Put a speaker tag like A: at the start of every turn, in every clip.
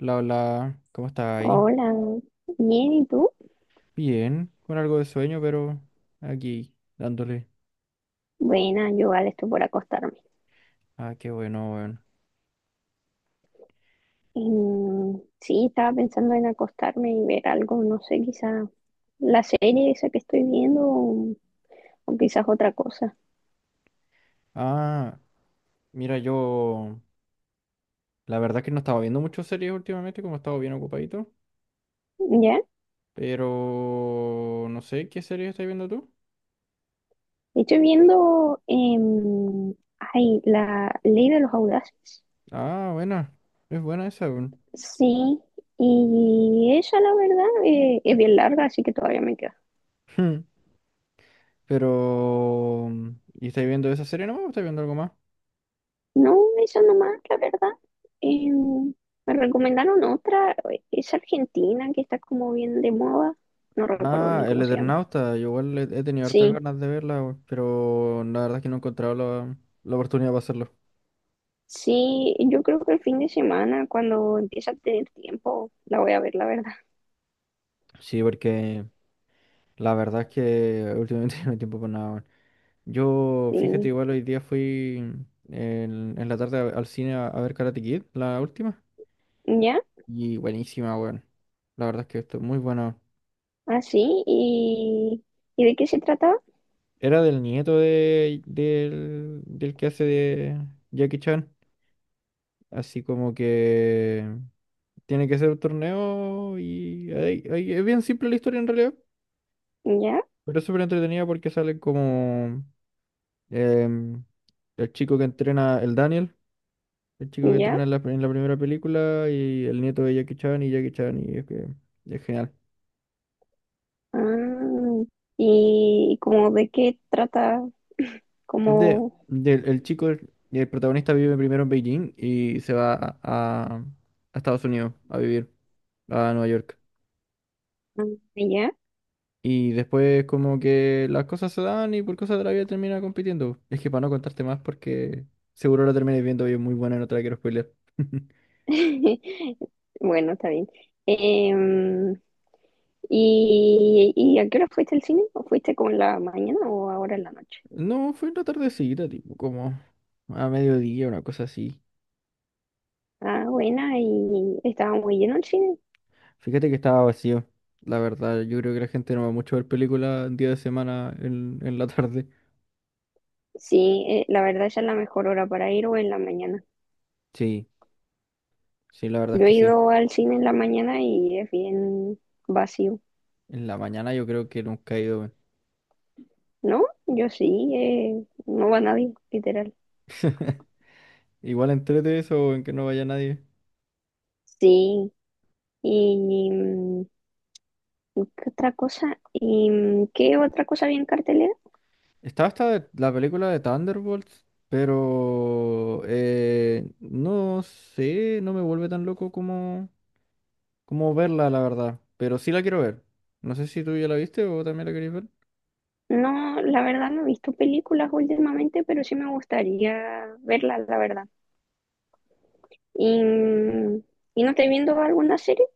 A: Hola, hola, ¿cómo estás ahí?
B: Hola, bien, ¿y tú?
A: Bien, con algo de sueño, pero aquí dándole.
B: Buena, yo vale, estoy por acostarme.
A: Ah, qué bueno, weón.
B: Sí, estaba pensando en acostarme y ver algo, no sé, quizá la serie esa que estoy viendo o quizás otra cosa.
A: Ah, mira, yo la verdad es que no estaba viendo muchas series últimamente, como he estado bien ocupadito,
B: ¿Ya?
A: pero no sé qué serie estás viendo tú.
B: Estoy viendo, ay, la Ley de los Audaces.
A: Ah, buena, es buena esa, weón.
B: Sí, y esa la verdad es bien larga, así que todavía me queda.
A: Pero, ¿y estáis viendo esa serie nomás o estáis viendo algo más?
B: No, esa nomás, la verdad. Em, Me recomendaron otra, es argentina, que está como bien de moda. No recuerdo
A: Ah,
B: ni
A: El
B: cómo se llama.
A: Eternauta, yo igual he tenido hartas
B: Sí,
A: ganas de verla, weón, pero la verdad es que no he encontrado la, la oportunidad para hacerlo.
B: sí, yo creo que el fin de semana, cuando empiece a tener tiempo, la voy a ver, la verdad.
A: Sí, porque la verdad es que últimamente no hay tiempo para nada, weón. Yo, fíjate,
B: Sí,
A: igual hoy día fui en la tarde al cine a ver Karate Kid, la última,
B: ya,
A: y buenísima, weón. La verdad es que esto es muy bueno.
B: así, ¿y de qué se trata?
A: Era del nieto de, del, del que hace de Jackie Chan, así como que tiene que ser un torneo y ahí es bien simple la historia en realidad,
B: Ya,
A: pero es súper entretenida porque salen como... em, el chico que entrena, el Daniel, el chico que
B: ya.
A: entrena en la primera película y el nieto de Jackie Chan y es que es genial.
B: Ah, y como de qué trata,
A: Es de,
B: como,
A: el chico, el protagonista vive primero en Beijing y se va a, a Estados Unidos a vivir, a Nueva York.
B: ah, ya.
A: Y después como que las cosas se dan y por cosas de la vida termina compitiendo. Es que para no contarte más porque seguro la terminé viendo y es muy buena y no te la quiero spoiler.
B: Bueno, está bien. Em, y a qué hora fuiste al cine? ¿O fuiste como en la mañana o ahora en la noche?
A: No, fue una la tardecita, tipo, como a mediodía, una cosa así.
B: Ah, buena, ¿y estaba muy lleno el cine?
A: Fíjate que estaba vacío. La verdad, yo creo que la gente no va mucho a ver películas en día de semana en la tarde.
B: Sí, la verdad esa es la mejor hora para ir o en la mañana.
A: Sí, sí, la verdad es
B: Yo
A: que
B: he
A: sí.
B: ido al cine en la mañana y es bien vacío.
A: En la mañana yo creo que nunca he ido, weón.
B: ¿No? Yo sí, no va nadie, literal.
A: Igual entrete eso en que no vaya nadie.
B: Sí, y ¿qué otra cosa? ¿Y qué otra cosa había en cartelera?
A: Estaba hasta la película de Thunderbolts, pero no sé, no me vuelve tan loco como, como verla, la verdad. Pero sí la quiero ver. No sé si tú ya la viste o también la querías ver.
B: No, la verdad no he visto películas últimamente, pero sí me gustaría verlas, la verdad. ¿Y, y no estáis viendo alguna serie?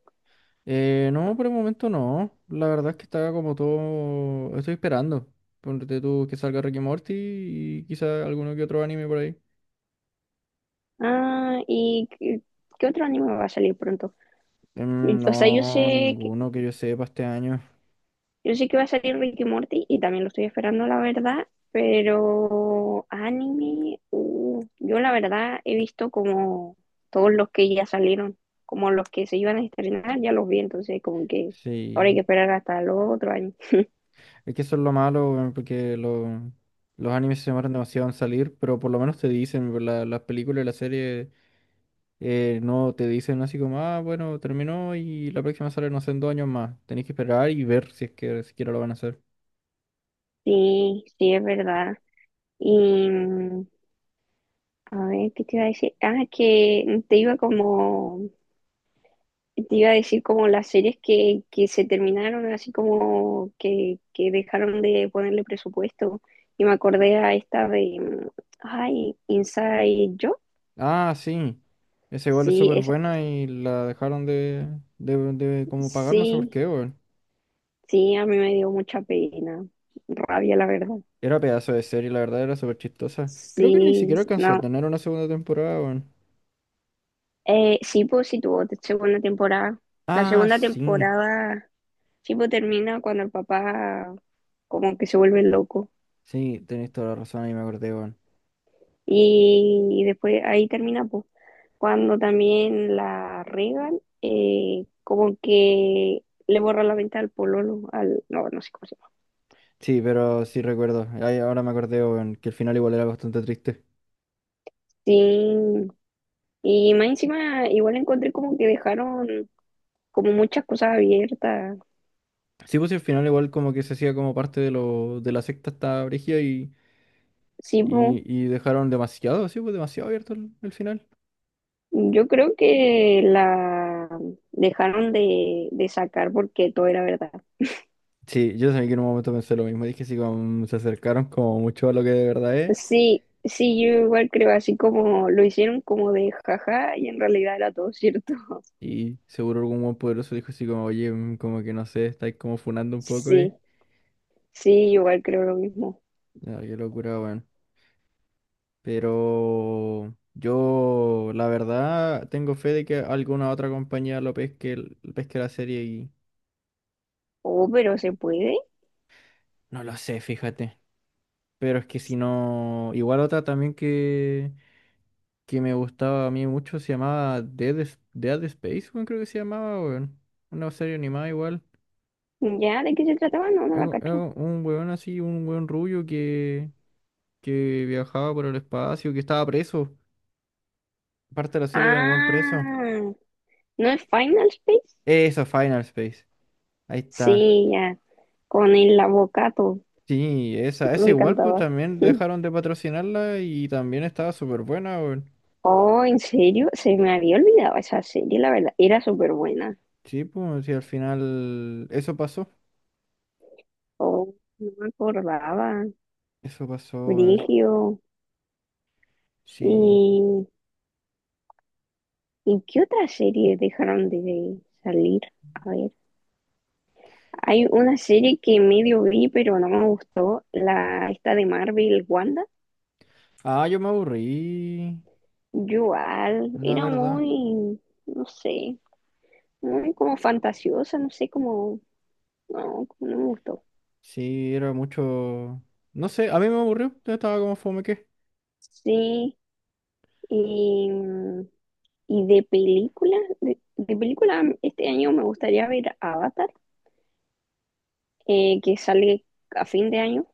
A: No, por el momento no. La verdad es que está como todo. Estoy esperando. Ponte tú que salga Ricky Morty y quizá alguno que otro anime por ahí.
B: Ah, qué otro anime va a salir pronto? O sea,
A: No, ninguno que yo sepa este año.
B: yo sé que va a salir Ricky Morty y también lo estoy esperando, la verdad, pero anime, yo la verdad he visto como todos los que ya salieron, como los que se iban a estrenar, ya los vi, entonces como que ahora hay que
A: Sí.
B: esperar hasta el otro año.
A: Es que eso es lo malo, weón, porque los animes se demoran demasiado en salir, pero por lo menos te dicen, por las películas y las series no te dicen así como, ah, bueno, terminó y la próxima sale, no sé, en dos años más. Tenéis que esperar y ver si es que siquiera lo van a hacer.
B: Sí, sí, es verdad. Y a ver, ¿qué te iba a decir? Ah, que te iba como te iba a decir como las series que se terminaron, así como que dejaron de ponerle presupuesto. Y me acordé a esta de, ay, Inside Job.
A: Ah, sí. Esa igual es
B: Sí,
A: súper
B: esa,
A: buena y la dejaron de como pagar, no sé por
B: sí,
A: qué, weón.
B: sí, a mí me dio mucha pena, rabia, la verdad.
A: Era pedazo de serie, la verdad, era súper chistosa. Creo que ni
B: Sí,
A: siquiera alcanzó a
B: no.
A: tener una segunda temporada, weón.
B: Sí, pues sí tuvo segunda temporada. La
A: Ah,
B: segunda
A: sí.
B: temporada, sí, pues termina cuando el papá como que se vuelve loco.
A: Sí, tenéis toda la razón, ahí me acordé, weón.
B: Y después ahí termina, pues, cuando también la regan, como que le borra la venta al pololo, al, no, no sé cómo se llama.
A: Sí, pero sí recuerdo. Ahí ahora me acordé, weón, que el final igual era bastante triste.
B: Sí, y más encima igual encontré como que dejaron como muchas cosas abiertas.
A: Sí, pues sí, el final igual como que se hacía como parte de lo, de la secta hasta Brigia
B: Sí, po,
A: y dejaron demasiado, sí, pues demasiado abierto el final.
B: yo creo que la dejaron de sacar porque todo era verdad.
A: Sí, yo también que en un momento pensé lo mismo. Dije así como se acercaron como mucho a lo que de verdad es.
B: Sí, sí, yo igual creo, así como lo hicieron como de jaja y en realidad era todo cierto.
A: Y seguro algún buen poderoso dijo así como, oye, mm, como que no sé, estáis como funando un poco
B: Sí,
A: ahí.
B: sí, yo igual creo lo mismo.
A: No, qué locura, weón. Pero yo, la verdad, tengo fe de que alguna otra compañía lo pesque, pesque la serie y
B: Oh, pero ¿se puede?
A: no lo sé, fíjate. Pero es que si no, igual otra también que me gustaba a mí mucho se llamaba Dead, Dead Space, weón, creo que se llamaba, weón. Una serie animada igual.
B: ¿Ya? ¿De qué se trataba? No, no
A: Es
B: la cacho.
A: un weón así, un weón rubio que viajaba por el espacio, que estaba preso. Parte de la serie con el weón preso.
B: Ah, ¿no es Final Space?
A: Esa, Final Space. Ahí está.
B: Sí, ya, con el avocato.
A: Sí, esa
B: Me
A: igual, pues
B: encantaba.
A: también dejaron de patrocinarla y también estaba súper buena, weón.
B: Oh, ¿en serio? Se me había olvidado esa serie, la verdad. Era súper buena.
A: Sí, pues sí, al final eso pasó.
B: Oh, no me acordaba.
A: Eso pasó,
B: Brigio.
A: sí.
B: ¿Y, ¿Y qué otra serie dejaron de salir? A ver, hay una serie que medio vi, pero no me gustó. La esta de Marvel, Wanda.
A: Ah, yo me aburrí,
B: Yo igual,
A: la
B: era
A: verdad.
B: no sé, muy como fantasiosa, no sé, como no me gustó.
A: Sí, era mucho... No sé, a mí me aburrió. Yo estaba como fome.
B: Sí, y, de película este año me gustaría ver Avatar, que sale a fin de año.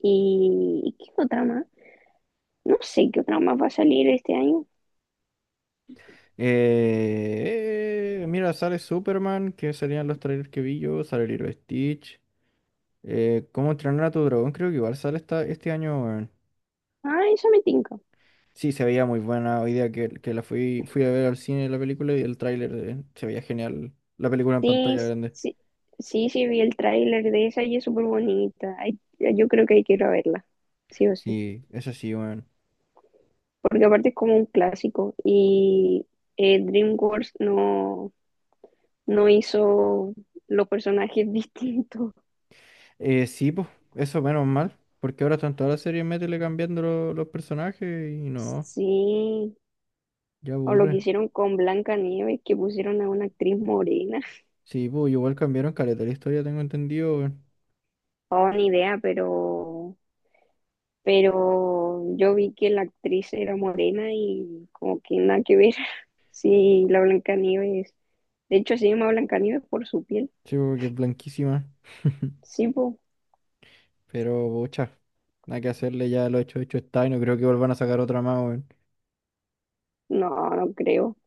B: ¿Y qué otra más? No sé qué otra más va a salir este año.
A: Mira, sale Superman, que serían los trailers que vi yo, sale Lilo Stitch. ¿Cómo entrenar a tu dragón? Creo que igual sale esta, este año, weón.
B: Ah, esa me tinca.
A: Sí, se veía muy buena. Hoy día que la fui, fui a ver al cine la película y el tráiler se veía genial. La película en
B: Sí,
A: pantalla grande.
B: sí, sí, sí, vi el tráiler de esa y es súper bonita. Ay, yo creo que quiero verla, sí o sí,
A: Sí, eso sí, weón.
B: porque aparte es como un clásico y DreamWorks no hizo los personajes distintos.
A: Sí, pues, eso menos mal. Porque ahora están todas las series métele cambiando los personajes y no,
B: Sí,
A: ya
B: o lo que
A: aburre.
B: hicieron con Blancanieves, que pusieron a una actriz morena.
A: Sí, pues igual cambiaron caleta la historia, tengo entendido, weón.
B: Oh, ni idea, pero yo vi que la actriz era morena y como que nada que ver. Sí, la Blancanieves. De hecho, se llama Blancanieves por su piel.
A: Sí, porque es blanquísima.
B: Sí, pues,
A: Pero, bocha, nada que hacerle, ya lo hecho, hecho está, y no creo que vuelvan a sacar otra más, weón.
B: no, no creo.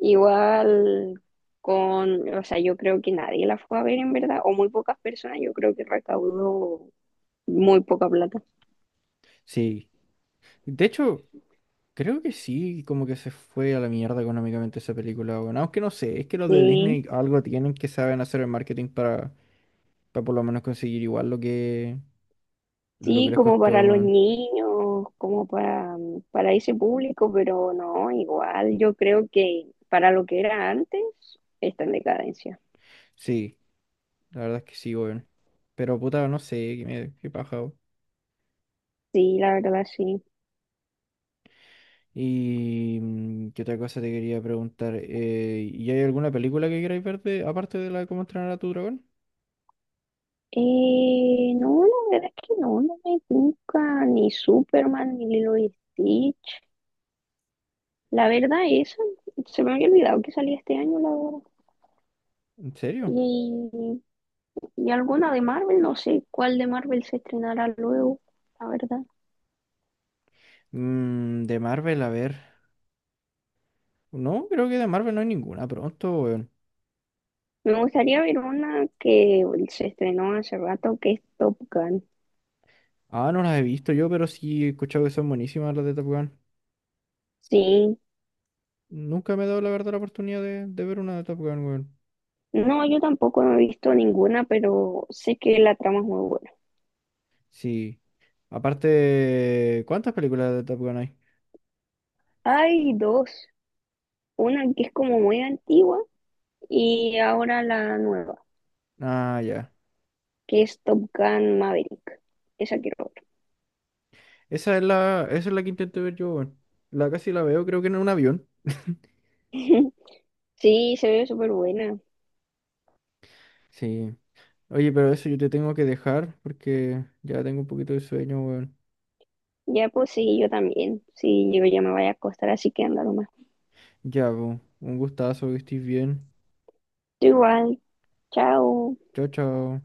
B: Igual con, o sea, yo creo que nadie la fue a ver en verdad, o muy pocas personas, yo creo que recaudó muy poca plata.
A: Sí. De hecho, creo que sí, como que se fue a la mierda económicamente esa película, weón. Aunque no sé, es que los de
B: Sí,
A: Disney algo tienen que saben hacer el marketing para por lo menos conseguir igual lo que
B: sí,
A: les
B: como
A: costó,
B: para los
A: weón.
B: niños, como para ese público, pero no, igual yo creo que para lo que era antes, está en decadencia.
A: Sí, la verdad es que sí, weón. Pero, puta, no sé, qué, me, qué paja, weón.
B: Sí, la verdad, sí.
A: Y mm, qué otra cosa te quería preguntar. ¿Y hay alguna película que queráis ver aparte de la de cómo entrenar a tu dragón?
B: No, la verdad es que no, no me gusta ni Superman, ni Lilo y Stitch. La verdad, esa, se me había olvidado que salía este año, la verdad.
A: ¿En serio?
B: Y, y alguna de Marvel, no sé cuál de Marvel se estrenará luego, la verdad.
A: Mm, de Marvel, a ver. No, creo que de Marvel no hay ninguna pronto, weón.
B: Me gustaría ver una que se estrenó hace rato, que es Top Gun.
A: Ah, no las he visto yo, pero sí he escuchado que son buenísimas las de Top Gun.
B: Sí,
A: Nunca me he dado la verdad la oportunidad de ver una de Top Gun, weón.
B: no, yo tampoco no he visto ninguna, pero sé que la trama es muy buena.
A: Sí. Aparte, ¿cuántas películas de Top Gun hay?
B: Hay dos, una que es como muy antigua y ahora la nueva,
A: Ah, ya.
B: que es Top Gun Maverick. Esa quiero ver.
A: Esa es la que intenté ver yo, weón. La casi la veo, creo que en un avión.
B: Sí, se ve súper buena.
A: Sí. Oye, pero eso yo te tengo que dejar porque ya tengo un poquito de sueño, weón.
B: Ya pues sí, yo también. Sí, yo ya me voy a acostar, así que andar
A: Ya, po, un gustazo, que estés bien.
B: igual. Chao.
A: Chao, chao.